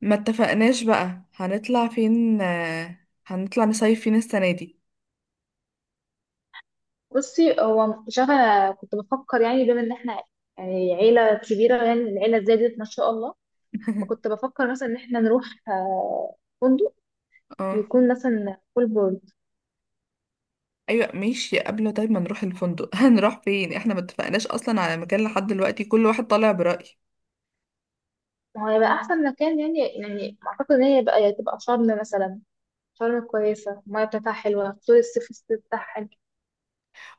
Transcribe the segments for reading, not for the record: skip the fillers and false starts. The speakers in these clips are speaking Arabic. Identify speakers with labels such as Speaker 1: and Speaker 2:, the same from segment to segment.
Speaker 1: ما اتفقناش بقى هنطلع فين، هنطلع نصيف فين السنة دي؟
Speaker 2: بصي، هو مش عارفه. انا كنت بفكر يعني، بما ان احنا، يعني عيله كبيره يعني، العيله زادت ما شاء الله. فكنت بفكر مثلا ان احنا نروح فندق،
Speaker 1: اه،
Speaker 2: يكون مثلا فول بورد.
Speaker 1: ايوه ماشي. قبل طيب، ما نروح الفندق. هنروح فين؟ احنا ما اتفقناش اصلا على مكان لحد دلوقتي، كل واحد طالع برأي.
Speaker 2: ما هو هيبقى احسن مكان، يعني اعتقد ان هي بقى تبقى شرم مثلا. شرم كويسه، الميه بتاعتها حلوه، طول الصيف بتاعها حلو.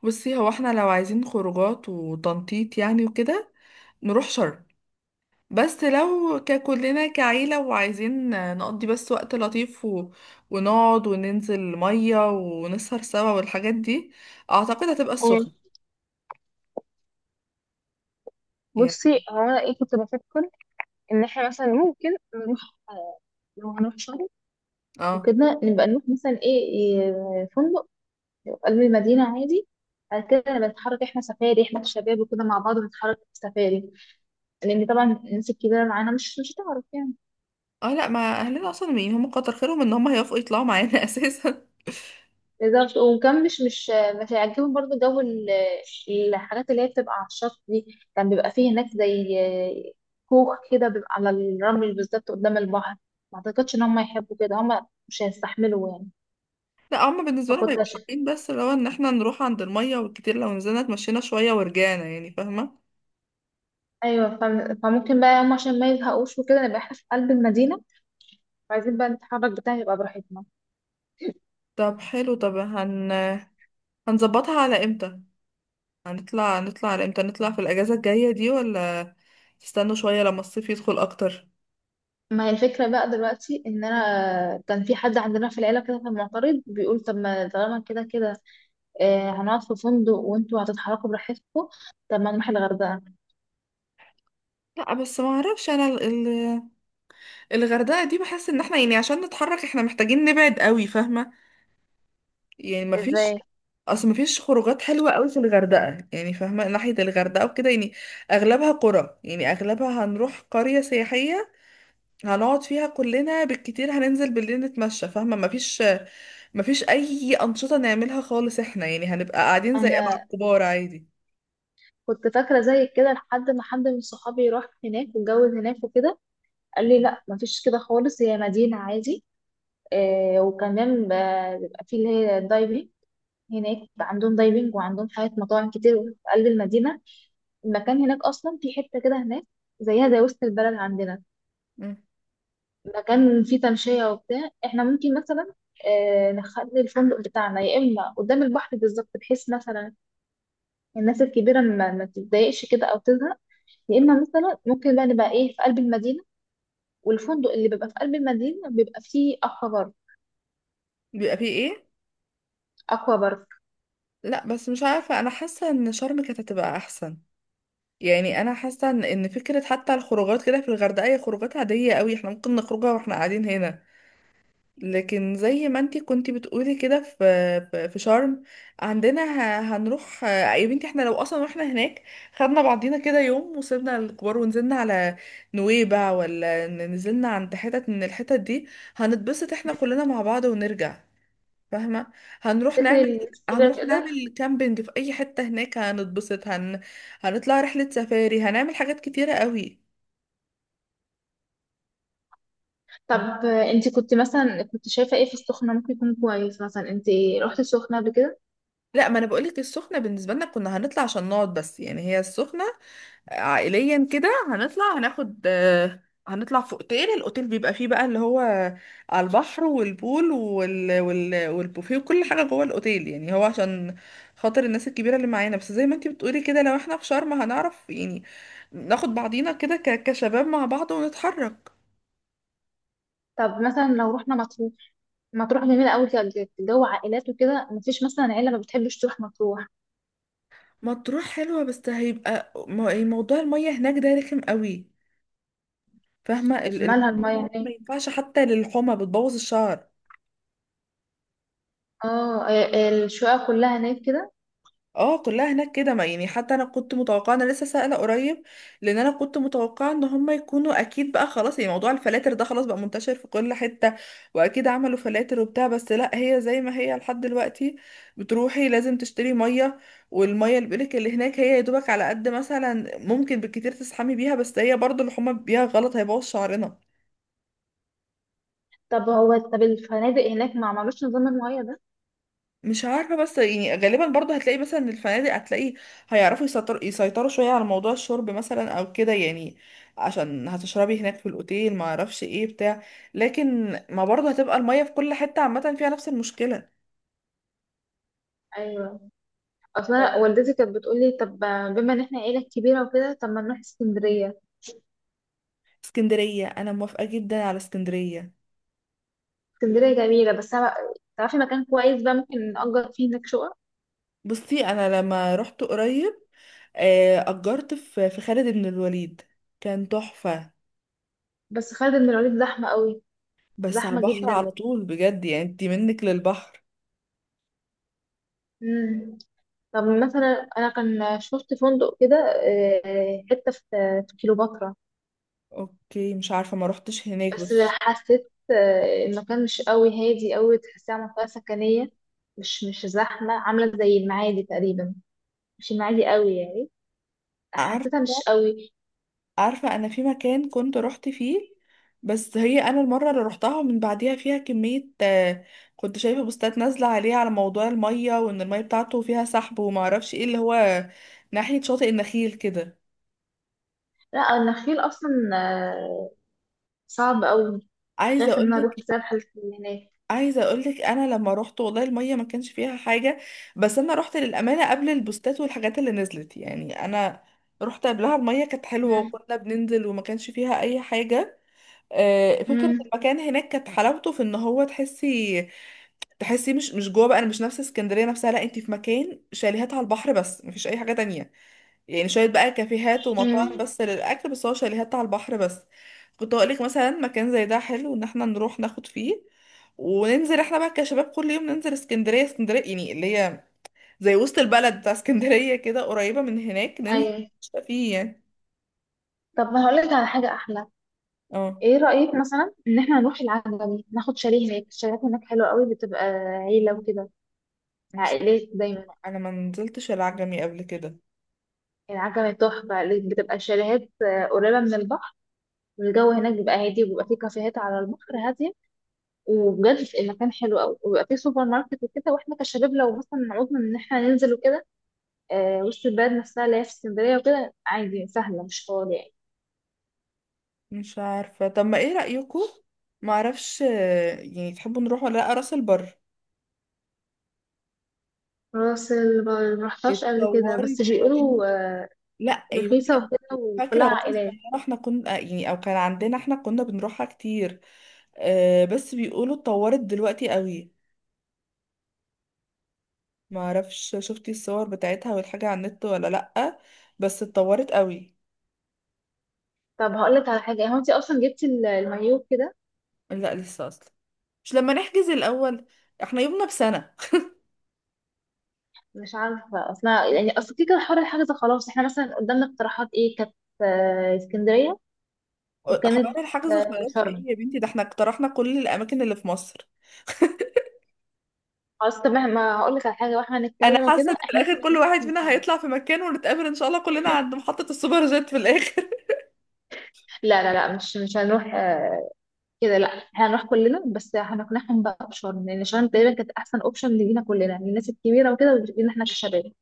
Speaker 1: بصي، هو احنا لو عايزين خروجات وتنطيط يعني وكده نروح شرم، بس لو ككلنا كعيلة وعايزين نقضي بس وقت لطيف ونقعد وننزل مية ونسهر سوا والحاجات دي، اعتقد هتبقى
Speaker 2: آه،
Speaker 1: السخنة. يعني،
Speaker 2: بصي، هو انا ايه كنت بفكر ان احنا مثلا ممكن نروح. لو هنروح شرم
Speaker 1: اه،
Speaker 2: وكده، نبقى نروح مثلا ايه إيه، فندق في قلب المدينة عادي. بعد كده أنا بنتحرك، احنا سفاري، احنا الشباب وكده مع بعض بنتحرك في سفاري، لأن طبعا الناس الكبيرة معانا مش هتعرف يعني.
Speaker 1: اه، لا ما اهلنا اصلا يعني هم كتر خيرهم ان هم هيوافقوا يطلعوا معانا اساسا.
Speaker 2: بالظبط. وكان مش هيعجبهم برضه جو الحاجات اللي هي بتبقى على الشط دي. كان بيبقى فيه هناك زي كوخ كده، بيبقى على الرمل بالظبط قدام البحر. ما أعتقدش إن هم يحبوا كده، هم مش هيستحملوا يعني.
Speaker 1: لا هم بالنسبه لهم
Speaker 2: فكنت
Speaker 1: هيبقوا
Speaker 2: عشان،
Speaker 1: حابين، بس اللي هو ان احنا نروح عند الميه والكتير، لو نزلنا اتمشينا شويه ورجعنا، يعني فاهمه.
Speaker 2: أيوة، فممكن بقى هم عشان ما يزهقوش وكده نبقى احنا في قلب المدينة، وعايزين بقى نتحرك بتاعي يبقى براحتنا.
Speaker 1: طب حلو، طب هنظبطها على امتى؟ هنطلع، نطلع على امتى، نطلع في الاجازه الجايه دي ولا تستنوا شويه لما الصيف يدخل اكتر؟
Speaker 2: ما هي الفكرة بقى دلوقتي إن أنا، كان في حد عندنا في العيلة كده كان معترض، بيقول: طب، ما طالما كده كده هنقعد في فندق وانتوا هتتحركوا براحتكم، طب ما نروح الغردقة.
Speaker 1: لا بس ما اعرفش، انا الغردقه دي بحس ان احنا يعني عشان نتحرك احنا محتاجين نبعد قوي، فاهمه؟ يعني ما فيش،
Speaker 2: ازاي؟
Speaker 1: ما فيش خروجات حلوه قوي في الغردقه يعني، فاهمه ناحيه الغردقه وكده يعني اغلبها قرى، يعني اغلبها هنروح قريه سياحيه هنقعد فيها كلنا، بالكتير هننزل بالليل نتمشى، فاهمه ما فيش اي انشطه نعملها خالص، احنا يعني هنبقى قاعدين زي مع
Speaker 2: أنا
Speaker 1: الكبار عادي.
Speaker 2: كنت فاكرة زي كده لحد ما حد من صحابي راح هناك واتجوز هناك وكده، قال لي: لا، مفيش كده خالص، هي مدينة عادي. وكمان بيبقى في اللي هي الدايفنج. هناك عندهم دايفنج، وعندهم حاجات، مطاعم كتير في قلب المدينة. المكان هناك أصلا، في حتة كده هناك زيها زي وسط البلد عندنا،
Speaker 1: مم.
Speaker 2: مكان فيه تمشية وبتاع. احنا ممكن مثلا نخلي الفندق بتاعنا يا اما قدام البحر بالظبط، بحيث مثلا الناس الكبيرة ما تتضايقش كده او تزهق، يا اما مثلا ممكن بقى نبقى ايه في قلب المدينة، والفندق اللي بيبقى في قلب المدينة بيبقى فيه اكوا بارك.
Speaker 1: بيبقى فيه ايه؟
Speaker 2: اكوا بارك.
Speaker 1: لا بس مش عارفه، انا حاسه ان شرم كانت هتبقى احسن، يعني انا حاسه إن فكره حتى الخروجات كده في الغردقه هي خروجات عاديه قوي، احنا ممكن نخرجها واحنا قاعدين هنا. لكن زي ما انتي كنتي بتقولي كده، في شرم عندنا، هنروح يا بنتي، احنا لو اصلا رحنا هناك، خدنا بعضينا كده يوم وسيبنا الكبار ونزلنا على نويبع، ولا نزلنا عند حتت من الحتت دي، هنتبسط احنا كلنا مع بعض ونرجع، فاهمة؟ هنروح
Speaker 2: تفتكر
Speaker 1: نعمل،
Speaker 2: الناس الكبيرة تقدر؟
Speaker 1: كامبينج في اي حتة هناك، هنتبسط، هنطلع رحلة سفاري، هنعمل حاجات كتيرة قوي.
Speaker 2: طب، انت كنت مثلا، كنت شايفة ايه في السخنة ممكن يكون كويس؟ مثلا انت رحت السخنة قبل كده؟
Speaker 1: لا، ما انا بقولك السخنة بالنسبة لنا كنا هنطلع عشان نقعد بس، يعني هي السخنة عائليا كده هنطلع هناخد، هنطلع في اوتيل، الاوتيل بيبقى فيه بقى اللي هو على البحر، والبول والبوفيه وكل حاجة جوه الاوتيل، يعني هو عشان خاطر الناس الكبيرة اللي معانا، بس زي ما انتي بتقولي كده لو احنا في شرم هنعرف يعني ناخد بعضينا كده كشباب مع بعض ونتحرك.
Speaker 2: طب مثلا لو رحنا مطروح، مطروح جميلة قوي كده، جو عائلات وكده، مفيش مثلا عيلة ما بتحبش تروح مطروح.
Speaker 1: مطروح حلوة، بس هيبقى يعني موضوع المية هناك ده رخم قوي، فاهمة
Speaker 2: مالها المية هناك؟
Speaker 1: ما ينفعش حتى للحمى، بتبوظ الشعر.
Speaker 2: اه، الشقق كلها هناك كده.
Speaker 1: اه كلها هناك كده، ما يعني حتى انا كنت متوقعه، انا لسه سائله قريب، لان انا كنت متوقعه ان هم يكونوا اكيد بقى خلاص، يعني موضوع الفلاتر ده خلاص بقى منتشر في كل حته، واكيد عملوا فلاتر وبتاع، بس لا هي زي ما هي لحد دلوقتي، بتروحي لازم تشتري ميه، والميه اللي بيقولك اللي هناك هي يا دوبك على قد مثلا ممكن بالكتير تسحمي بيها، بس هي برضو اللي هما بيها غلط هيبوظ شعرنا.
Speaker 2: طب الفنادق هناك ما عملوش نظام المية ده؟
Speaker 1: مش عارفة، بس يعني غالبا برضه هتلاقي مثلا إن الفنادق هتلاقي هيعرفوا يسيطروا شوية على موضوع الشرب مثلا او كده، يعني عشان هتشربي هناك في الاوتيل، ما اعرفش ايه بتاع. لكن ما برضه هتبقى المية في كل حتة عامة فيها نفس المشكلة.
Speaker 2: ايوه. اصلا
Speaker 1: أيوة.
Speaker 2: والدتي كانت بتقول لي: طب، بما ان احنا عيله كبيره وكده، طب ما نروح اسكندريه.
Speaker 1: اسكندرية، انا موافقة جدا على اسكندرية.
Speaker 2: اسكندريه جميله، بس تعرفي مكان كويس بقى ممكن نأجر فيه هناك شقق؟
Speaker 1: بصي انا لما رحت قريب، اجرت في خالد بن الوليد، كان تحفة.
Speaker 2: بس خالد بن الوليد زحمه قوي،
Speaker 1: بس على
Speaker 2: زحمه
Speaker 1: البحر على
Speaker 2: جدا.
Speaker 1: طول بجد، يعني انتي منك للبحر.
Speaker 2: امم. طب مثلا انا كان شفت فندق كده حته في كيلوباترا،
Speaker 1: اوكي، مش عارفة ما روحتش هناك
Speaker 2: بس
Speaker 1: بس.
Speaker 2: حسيت المكان مش قوي هادي، قوي تحسيها منطقة سكنية، مش زحمة، عاملة زي المعادي تقريبا، مش المعادي قوي يعني، حسيتها مش
Speaker 1: عارفة،
Speaker 2: قوي.
Speaker 1: عارفة، أنا في مكان كنت رحت فيه، بس هي أنا المرة اللي رحتها من بعديها فيها كمية، كنت شايفة بوستات نازلة عليه على موضوع المية، وإن المية بتاعته فيها سحب ومعرفش إيه اللي هو، ناحية شاطئ النخيل كده.
Speaker 2: لا، النخيل أصلا آه، صعب قوي،
Speaker 1: عايزة
Speaker 2: خايفة إن أنا أروح
Speaker 1: أقولك،
Speaker 2: بسبب الحالات اللي هناك.
Speaker 1: عايزة أقولك، أنا لما روحت والله المية ما كانش فيها حاجة، بس أنا روحت للأمانة قبل البوستات والحاجات اللي نزلت، يعني أنا رحت قبلها المية كانت حلوة
Speaker 2: مم.
Speaker 1: وكنا بننزل وما كانش فيها أي حاجة. فكرة
Speaker 2: مم.
Speaker 1: المكان هناك كانت حلاوته في ان هو تحسي، تحسي مش جوه بقى، انا مش نفس اسكندرية نفسها، لا انت في مكان شاليهات على البحر بس مفيش اي حاجة تانية، يعني شوية بقى كافيهات
Speaker 2: مم.
Speaker 1: ومطاعم بس للاكل، بس هو شاليهات على البحر بس. كنت اقولك مثلا مكان زي ده حلو ان احنا نروح ناخد فيه وننزل احنا بقى كشباب، كل يوم ننزل اسكندرية، اسكندرية يعني اللي هي زي وسط البلد بتاع اسكندرية كده قريبة من هناك، ننزل
Speaker 2: أيوة.
Speaker 1: نشتاق فيه يعني.
Speaker 2: طب ما هقولك على حاجة أحلى.
Speaker 1: اه،
Speaker 2: ايه رأيك مثلا ان احنا نروح العجمي، ناخد شاليه هناك؟ الشاليهات هناك حلوة قوي، بتبقى عيلة وكده،
Speaker 1: مش،
Speaker 2: عائلات دايما.
Speaker 1: انا ما نزلتش العجمي قبل كده.
Speaker 2: العجمي تحفة، اللي بتبقى شاليهات قريبة من البحر. الجو هناك بيبقى هادي، وبيبقى فيه كافيهات على البحر هادية، وبجد المكان حلو قوي، وبيبقى فيه سوبر ماركت وكده. واحنا كشباب لو مثلا عوزنا ان احنا ننزل وكده، وسط البلد نفسها اللي هي في اسكندرية وكده عادي سهلة، مش طوال يعني.
Speaker 1: مش عارفة، طب ما ايه رأيكم؟ معرفش، يعني تحبوا نروح ولا لأ راس البر؟
Speaker 2: راس ال- ما رحتهاش قبل كده، بس
Speaker 1: اتطورت يا
Speaker 2: بيقولوا
Speaker 1: بنتي، لا يا بنتي
Speaker 2: رخيصة
Speaker 1: انا
Speaker 2: وكده
Speaker 1: فاكرة
Speaker 2: وكلها
Speaker 1: وانا
Speaker 2: عائلات.
Speaker 1: صغيرة احنا كنا، يعني او كان عندنا احنا كنا بنروحها كتير، بس بيقولوا اتطورت دلوقتي قوي. معرفش شفتي الصور بتاعتها والحاجة على النت ولا لأ، بس اتطورت قوي.
Speaker 2: طب هقولك على حاجة، هو انت اصلا جبتي المايوه كده؟
Speaker 1: لا لسه اصلا، مش لما نحجز الأول، احنا يومنا بسنة.
Speaker 2: مش عارفة أصلا يعني. أصل كده كده حوار الحجز خلاص. احنا مثلا قدامنا اقتراحات ايه كانت؟ اسكندرية،
Speaker 1: حوار
Speaker 2: وكانت
Speaker 1: الحجز خلاص ايه
Speaker 2: شرم.
Speaker 1: يا بنتي، ده احنا اقترحنا كل الأماكن اللي في مصر.
Speaker 2: خلاص، طب ما هقول لك على حاجة، واحنا
Speaker 1: انا
Speaker 2: هنتكلم
Speaker 1: حاسه ان
Speaker 2: وكده،
Speaker 1: في
Speaker 2: احنا
Speaker 1: الاخر
Speaker 2: مثلا
Speaker 1: كل واحد
Speaker 2: هنروح
Speaker 1: فينا
Speaker 2: شرم.
Speaker 1: هيطلع في مكان، ونتقابل ان شاء الله كلنا عند محطه السوبر جيت في الاخر.
Speaker 2: لا، لا، لا، مش هنروح كده. لا، احنا هنروح كلنا، بس هنقنعهم بقى بشرم، لأن شرم تقريبا كانت أحسن أوبشن لينا كلنا، للناس الكبيرة وكده ولينا احنا كشباب.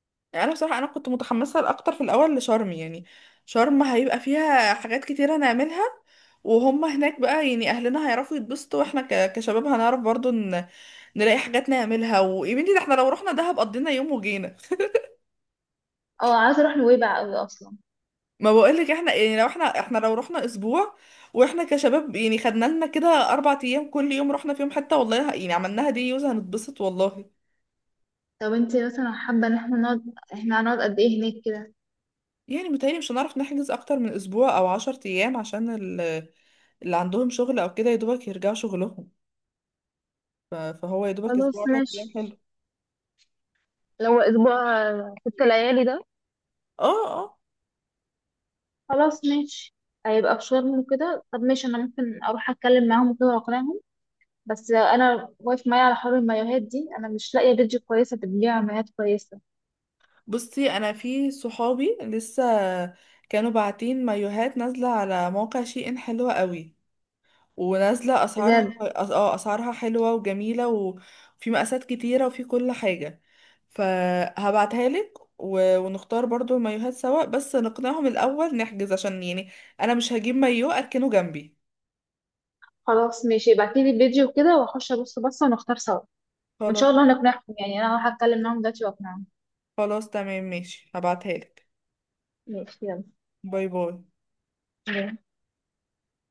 Speaker 1: يعني انا بصراحه، انا كنت متحمسه اكتر في الاول لشرم، يعني شرم هيبقى فيها حاجات كتيره نعملها، وهم هناك بقى يعني اهلنا هيعرفوا يتبسطوا، واحنا كشباب هنعرف برضو نلاقي حاجات نعملها. ويا بنتي ده احنا لو رحنا دهب قضينا يوم وجينا،
Speaker 2: اه، عايزة أروح نويبع أوي أصلا.
Speaker 1: ما بقولك احنا يعني لو احنا رحنا اسبوع واحنا كشباب، يعني خدنا لنا كده 4 ايام كل يوم رحنا فيهم حته، والله يعني عملناها دي يوز هنتبسط والله.
Speaker 2: طب انت مثلا حابة ان احنا نقعد، احنا هنقعد قد ايه هناك كده؟
Speaker 1: يعني متهيألي مش هنعرف نحجز أكتر من أسبوع أو 10 أيام، عشان ال- اللي عندهم شغل أو كده يدوبك يرجعوا شغلهم، فهو يدوبك
Speaker 2: خلاص
Speaker 1: أسبوع عشر
Speaker 2: ماشي،
Speaker 1: أيام حلو.
Speaker 2: لو اسبوع 6 ليالي ده.
Speaker 1: اه، اه.
Speaker 2: خلاص ماشي، هيبقى في شرم وكده. طب ماشي، انا ممكن اروح اتكلم معاهم وكده واقنعهم. بس انا واقف معايا على حوار المايوهات دي، انا مش لاقيه بيدج كويسه بتبيع مايوهات كويسه.
Speaker 1: بصي أنا في صحابي لسه كانوا باعتين مايوهات نازلة على موقع شي إن، حلوة قوي ونازلة أسعارها،
Speaker 2: بجد.
Speaker 1: أسعارها حلوة وجميلة وفي مقاسات كتيرة وفي كل حاجة. فهبعتها لك ونختار برضو المايوهات سوا، بس نقنعهم الأول نحجز، عشان يعني أنا مش هجيب مايو أركنه جنبي.
Speaker 2: خلاص ماشي، ابعتيلي البيدج وكده واخش ابص بصه ونختار سوا، وان
Speaker 1: خلاص.
Speaker 2: شاء الله نقنعهم. يعني انا هروح اتكلم معاهم دلوقتي واقنعهم.
Speaker 1: خلاص تمام ماشي، هبعتها لك.
Speaker 2: ماشي.
Speaker 1: باي باي.
Speaker 2: يلا.